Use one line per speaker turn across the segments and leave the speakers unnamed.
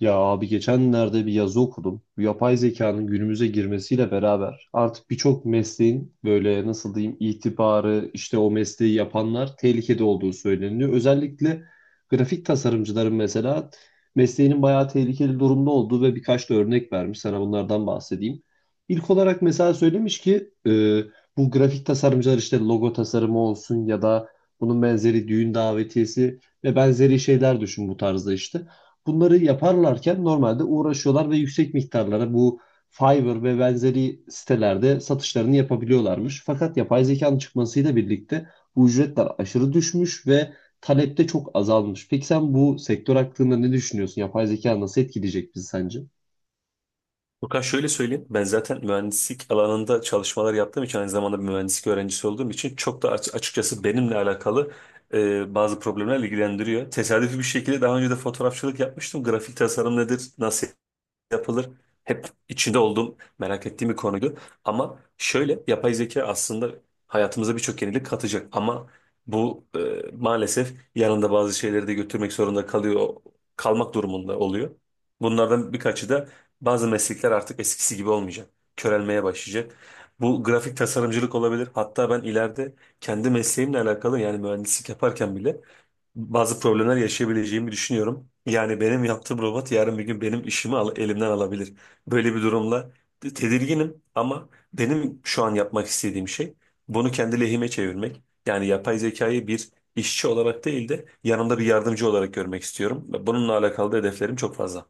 Ya abi, geçenlerde bir yazı okudum. Bu yapay zekanın günümüze girmesiyle beraber artık birçok mesleğin böyle, nasıl diyeyim, itibarı, işte o mesleği yapanlar tehlikede olduğu söyleniyor. Özellikle grafik tasarımcıların mesela mesleğinin bayağı tehlikeli durumda olduğu ve birkaç da örnek vermiş. Sana bunlardan bahsedeyim. İlk olarak mesela söylemiş ki bu grafik tasarımcılar işte logo tasarımı olsun ya da bunun benzeri düğün davetiyesi ve benzeri şeyler, düşün bu tarzda işte. Bunları yaparlarken normalde uğraşıyorlar ve yüksek miktarlara bu Fiverr ve benzeri sitelerde satışlarını yapabiliyorlarmış. Fakat yapay zekanın çıkmasıyla birlikte bu ücretler aşırı düşmüş ve talep de çok azalmış. Peki sen bu sektör hakkında ne düşünüyorsun? Yapay zeka nasıl etkileyecek bizi sence?
Furkan, şöyle söyleyeyim. Ben zaten mühendislik alanında çalışmalar yaptığım için, aynı zamanda bir mühendislik öğrencisi olduğum için, çok da açıkçası benimle alakalı bazı problemler ilgilendiriyor. Tesadüfi bir şekilde daha önce de fotoğrafçılık yapmıştım. Grafik tasarım nedir, nasıl yapılır. Hep içinde olduğum, merak ettiğim bir konuydu. Ama şöyle, yapay zeka aslında hayatımıza birçok yenilik katacak. Ama bu maalesef yanında bazı şeyleri de götürmek zorunda kalıyor, kalmak durumunda oluyor. Bunlardan birkaçı da bazı meslekler artık eskisi gibi olmayacak. Körelmeye başlayacak. Bu grafik tasarımcılık olabilir. Hatta ben ileride kendi mesleğimle alakalı yani mühendislik yaparken bile bazı problemler yaşayabileceğimi düşünüyorum. Yani benim yaptığım robot yarın bir gün benim işimi elimden alabilir. Böyle bir durumla tedirginim, ama benim şu an yapmak istediğim şey bunu kendi lehime çevirmek. Yani yapay zekayı bir işçi olarak değil de yanımda bir yardımcı olarak görmek istiyorum. Ve bununla alakalı da hedeflerim çok fazla.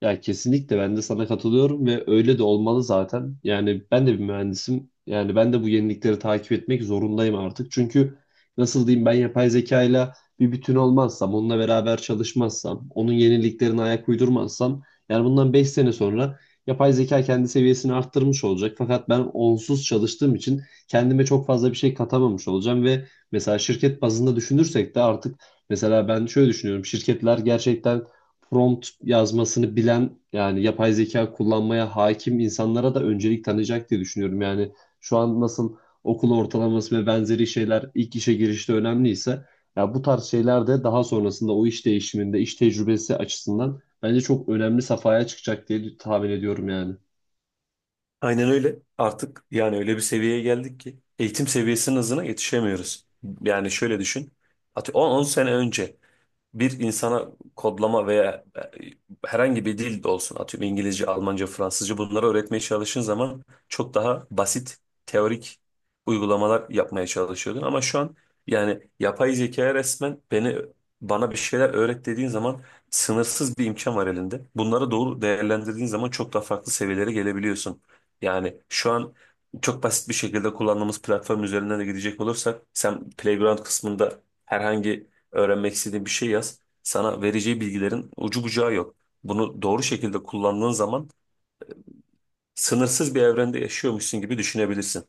Ya kesinlikle ben de sana katılıyorum ve öyle de olmalı zaten. Yani ben de bir mühendisim. Yani ben de bu yenilikleri takip etmek zorundayım artık. Çünkü nasıl diyeyim, ben yapay zekayla bir bütün olmazsam, onunla beraber çalışmazsam, onun yeniliklerine ayak uydurmazsam, yani bundan 5 sene sonra yapay zeka kendi seviyesini arttırmış olacak. Fakat ben onsuz çalıştığım için kendime çok fazla bir şey katamamış olacağım ve mesela şirket bazında düşünürsek de artık, mesela ben şöyle düşünüyorum: şirketler gerçekten prompt yazmasını bilen, yani yapay zeka kullanmaya hakim insanlara da öncelik tanıyacak diye düşünüyorum. Yani şu an nasıl okul ortalaması ve benzeri şeyler ilk işe girişte önemliyse, ya, bu tarz şeyler de daha sonrasında o iş değişiminde, iş tecrübesi açısından bence çok önemli safhaya çıkacak diye tahmin ediyorum yani.
Aynen öyle. Artık yani öyle bir seviyeye geldik ki eğitim seviyesinin hızına yetişemiyoruz. Yani şöyle düşün. On on sene önce bir insana kodlama veya herhangi bir dil de olsun, atıyorum İngilizce, Almanca, Fransızca, bunları öğretmeye çalıştığın zaman çok daha basit teorik uygulamalar yapmaya çalışıyordun, ama şu an yani yapay zekaya resmen bana bir şeyler öğret dediğin zaman sınırsız bir imkan var elinde. Bunları doğru değerlendirdiğin zaman çok daha farklı seviyelere gelebiliyorsun. Yani şu an çok basit bir şekilde kullandığımız platform üzerinden de gidecek olursak, sen playground kısmında herhangi öğrenmek istediğin bir şey yaz. Sana vereceği bilgilerin ucu bucağı yok. Bunu doğru şekilde kullandığın zaman sınırsız bir evrende yaşıyormuşsun gibi düşünebilirsin.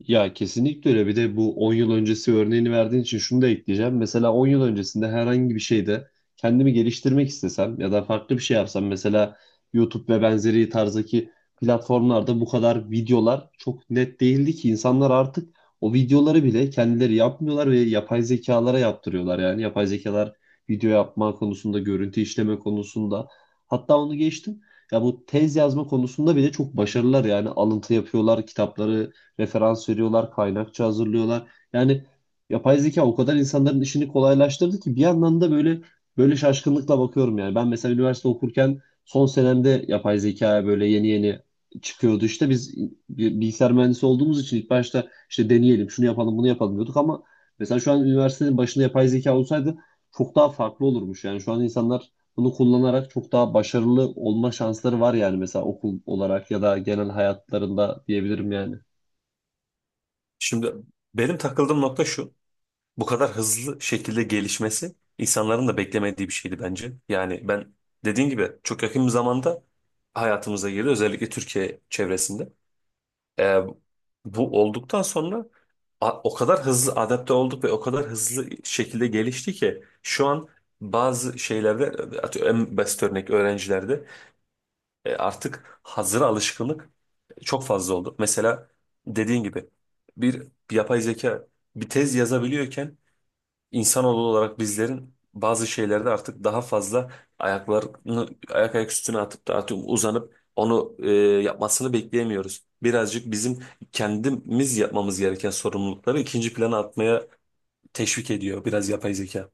Ya kesinlikle öyle. Bir de bu 10 yıl öncesi örneğini verdiğin için şunu da ekleyeceğim. Mesela 10 yıl öncesinde herhangi bir şeyde kendimi geliştirmek istesem ya da farklı bir şey yapsam, mesela YouTube ve benzeri tarzdaki platformlarda bu kadar videolar çok net değildi ki, insanlar artık o videoları bile kendileri yapmıyorlar ve yapay zekalara yaptırıyorlar. Yani yapay zekalar video yapma konusunda, görüntü işleme konusunda, hatta onu geçtim, ya bu tez yazma konusunda bile çok başarılılar. Yani alıntı yapıyorlar, kitapları referans veriyorlar, kaynakça hazırlıyorlar. Yani yapay zeka o kadar insanların işini kolaylaştırdı ki, bir yandan da böyle böyle şaşkınlıkla bakıyorum yani. Ben mesela üniversite okurken, son senemde yapay zekaya böyle yeni yeni çıkıyordu. İşte biz bilgisayar mühendisi olduğumuz için, ilk başta işte deneyelim, şunu yapalım, bunu yapalım diyorduk. Ama mesela şu an üniversitenin başında yapay zeka olsaydı çok daha farklı olurmuş. Yani şu an insanlar bunu kullanarak çok daha başarılı olma şansları var yani, mesela okul olarak ya da genel hayatlarında diyebilirim yani.
Şimdi benim takıldığım nokta şu. Bu kadar hızlı şekilde gelişmesi insanların da beklemediği bir şeydi bence. Yani ben, dediğin gibi, çok yakın bir zamanda hayatımıza girdi, özellikle Türkiye çevresinde. E, Bu olduktan sonra o kadar hızlı adapte olduk ve o kadar hızlı şekilde gelişti ki şu an bazı şeylerde, atıyorum en basit örnek öğrencilerde, artık hazır alışkınlık çok fazla oldu. Mesela, dediğin gibi, bir yapay zeka bir tez yazabiliyorken insanoğlu olarak bizlerin bazı şeylerde artık daha fazla ayaklarını ayak ayak üstüne atıp da artık uzanıp onu yapmasını bekleyemiyoruz. Birazcık bizim kendimiz yapmamız gereken sorumlulukları ikinci plana atmaya teşvik ediyor biraz yapay zeka.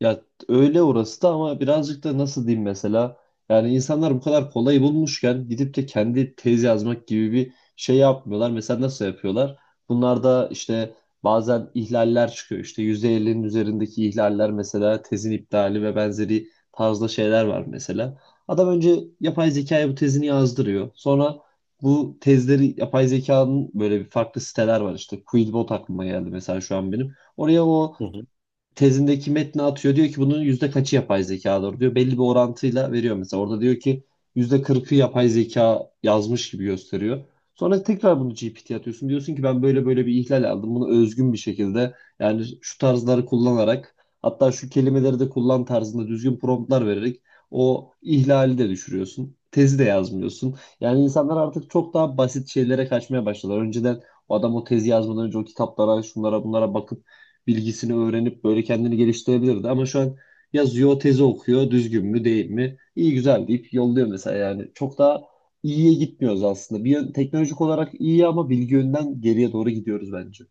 Ya, öyle orası da, ama birazcık da nasıl diyeyim, mesela yani insanlar bu kadar kolay bulmuşken, gidip de kendi tez yazmak gibi bir şey yapmıyorlar. Mesela nasıl yapıyorlar? Bunlar da işte, bazen ihlaller çıkıyor. İşte %50'nin üzerindeki ihlaller mesela tezin iptali ve benzeri tarzda şeyler var mesela. Adam önce yapay zekaya bu tezini yazdırıyor. Sonra bu tezleri yapay zekanın, böyle bir farklı siteler var işte. Quillbot aklıma geldi mesela şu an benim. Oraya o
Hı hı.
tezindeki metni atıyor. Diyor ki, bunun yüzde kaçı yapay zekadır diyor. Belli bir orantıyla veriyor mesela. Orada diyor ki, %40'ı yapay zeka yazmış gibi gösteriyor. Sonra tekrar bunu GPT'ye atıyorsun. Diyorsun ki, ben böyle böyle bir ihlal aldım. Bunu özgün bir şekilde, yani şu tarzları kullanarak, hatta şu kelimeleri de kullan tarzında düzgün promptlar vererek o ihlali de düşürüyorsun. Tezi de yazmıyorsun. Yani insanlar artık çok daha basit şeylere kaçmaya başladılar. Önceden o adam o tezi yazmadan önce o kitaplara, şunlara, bunlara bakıp bilgisini öğrenip böyle kendini geliştirebilirdi. Ama şu an yazıyor, tezi okuyor, düzgün mü değil mi, iyi güzel deyip yolluyor mesela yani. Çok daha iyiye gitmiyoruz aslında. Bir teknolojik olarak iyi, ama bilgi yönden geriye doğru gidiyoruz bence.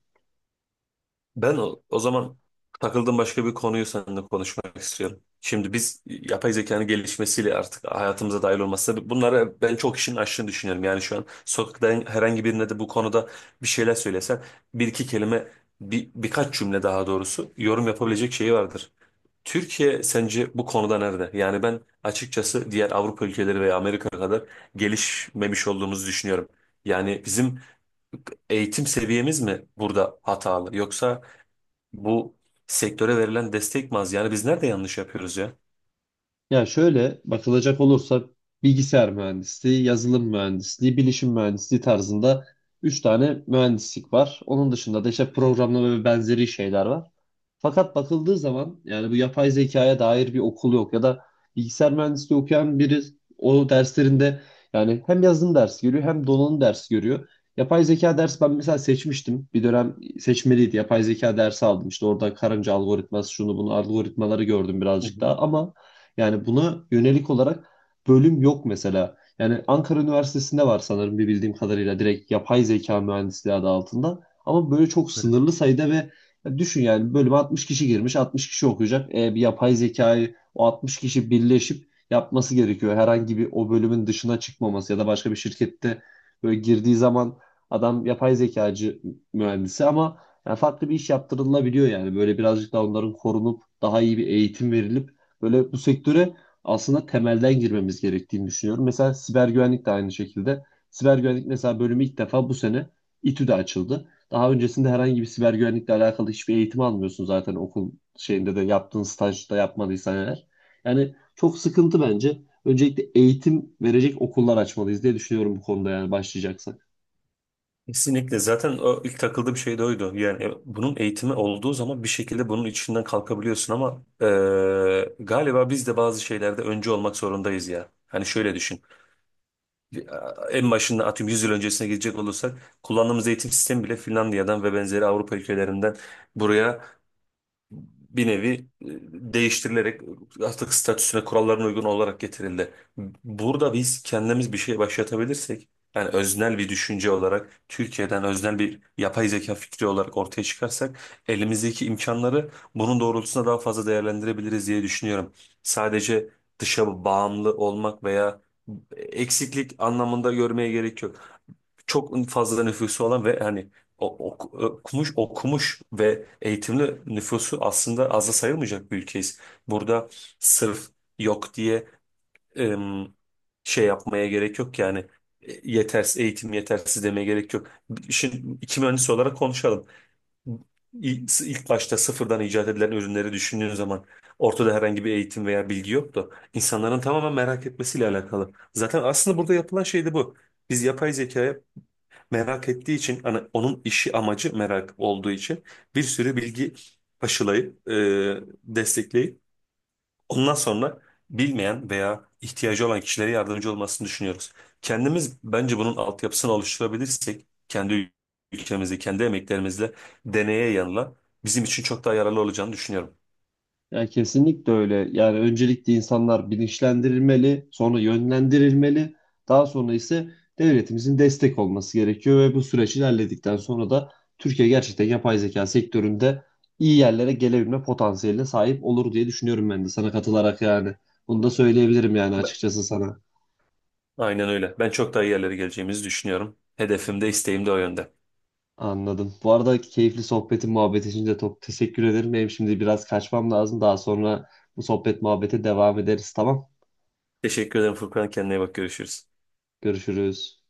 Ben o zaman takıldığım başka bir konuyu seninle konuşmak istiyorum. Şimdi biz yapay zekanın gelişmesiyle artık hayatımıza dahil olması, bunları ben çok işin aşını düşünüyorum. Yani şu an sokakta herhangi birine de bu konuda bir şeyler söylesen bir iki kelime, birkaç cümle daha doğrusu yorum yapabilecek şeyi vardır. Türkiye sence bu konuda nerede? Yani ben açıkçası diğer Avrupa ülkeleri veya Amerika kadar gelişmemiş olduğumuzu düşünüyorum. Yani bizim eğitim seviyemiz mi burada hatalı, yoksa bu sektöre verilen destek mi az? Yani biz nerede yanlış yapıyoruz ya?
Ya şöyle bakılacak olursa, bilgisayar mühendisliği, yazılım mühendisliği, bilişim mühendisliği tarzında 3 tane mühendislik var. Onun dışında da işte programlama ve benzeri şeyler var. Fakat bakıldığı zaman yani bu yapay zekaya dair bir okul yok. Ya da bilgisayar mühendisliği okuyan biri, o derslerinde yani hem yazılım dersi görüyor, hem donanım dersi görüyor. Yapay zeka dersi ben mesela seçmiştim. Bir dönem seçmeliydi. Yapay zeka dersi aldım. İşte orada karınca algoritması, şunu bunu algoritmaları gördüm
Hı
birazcık
hı.
daha, ama yani buna yönelik olarak bölüm yok mesela. Yani Ankara Üniversitesi'nde var sanırım, bir bildiğim kadarıyla, direkt yapay zeka mühendisliği adı altında. Ama böyle çok
Evet.
sınırlı sayıda. Ve ya düşün, yani bölüme 60 kişi girmiş, 60 kişi okuyacak. Bir yapay zekayı o 60 kişi birleşip yapması gerekiyor. Herhangi bir, o bölümün dışına çıkmaması ya da başka bir şirkette böyle girdiği zaman, adam yapay zekacı mühendisi, ama yani farklı bir iş yaptırılabiliyor yani. Böyle birazcık daha onların korunup daha iyi bir eğitim verilip, böyle bu sektöre aslında temelden girmemiz gerektiğini düşünüyorum. Mesela siber güvenlik de aynı şekilde. Siber güvenlik mesela bölümü ilk defa bu sene İTÜ'de açıldı. Daha öncesinde herhangi bir siber güvenlikle alakalı hiçbir eğitim almıyorsun zaten okul şeyinde, de yaptığın stajda yapmadıysan eğer. Yani çok sıkıntı bence. Öncelikle eğitim verecek okullar açmalıyız diye düşünüyorum bu konuda, yani başlayacaksak.
Kesinlikle, zaten o ilk takıldığı bir şey de oydu. Yani bunun eğitimi olduğu zaman bir şekilde bunun içinden kalkabiliyorsun, ama galiba biz de bazı şeylerde öncü olmak zorundayız ya. Hani şöyle düşün. En başında, atıyorum 100 yıl öncesine gidecek olursak, kullandığımız eğitim sistemi bile Finlandiya'dan ve benzeri Avrupa ülkelerinden buraya bir nevi e, değiştirilerek artık statüsüne, kurallarına uygun olarak getirildi. Burada biz kendimiz bir şey başlatabilirsek, yani öznel bir düşünce olarak Türkiye'den öznel bir yapay zeka fikri olarak ortaya çıkarsak, elimizdeki imkanları bunun doğrultusunda daha fazla değerlendirebiliriz diye düşünüyorum. Sadece dışa bağımlı olmak veya eksiklik anlamında görmeye gerek yok. Çok fazla nüfusu olan ve hani okumuş okumuş ve eğitimli nüfusu aslında azı sayılmayacak bir ülkeyiz. Burada sırf yok diye em, şey yapmaya gerek yok yani. Yetersiz eğitim yetersiz demeye gerek yok. Şimdi iki mühendis olarak konuşalım. İlk başta sıfırdan icat edilen ürünleri düşündüğün zaman ortada herhangi bir eğitim veya bilgi yoktu. İnsanların tamamen merak etmesiyle alakalı. Zaten aslında burada yapılan şey de bu. Biz yapay zekaya merak ettiği için, hani onun işi amacı merak olduğu için, bir sürü bilgi aşılayıp destekleyip ondan sonra bilmeyen veya ihtiyacı olan kişilere yardımcı olmasını düşünüyoruz. Kendimiz bence bunun altyapısını oluşturabilirsek, kendi ülkemizde kendi emeklerimizle, deneye yanıla, bizim için çok daha yararlı olacağını düşünüyorum.
Ya kesinlikle öyle. Yani öncelikle insanlar bilinçlendirilmeli, sonra yönlendirilmeli, daha sonra ise devletimizin destek olması gerekiyor ve bu süreç ilerledikten sonra da Türkiye gerçekten yapay zeka sektöründe iyi yerlere gelebilme potansiyeline sahip olur diye düşünüyorum, ben de sana katılarak yani. Bunu da söyleyebilirim yani,
Ben-
açıkçası, sana.
Aynen öyle. Ben çok daha iyi yerlere geleceğimizi düşünüyorum. Hedefim de isteğim de o yönde.
Anladım. Bu arada keyifli sohbetin, muhabbet için de çok teşekkür ederim. Benim şimdi biraz kaçmam lazım. Daha sonra bu sohbet muhabbete devam ederiz. Tamam.
Teşekkür ederim Furkan. Kendine iyi bak, görüşürüz.
Görüşürüz.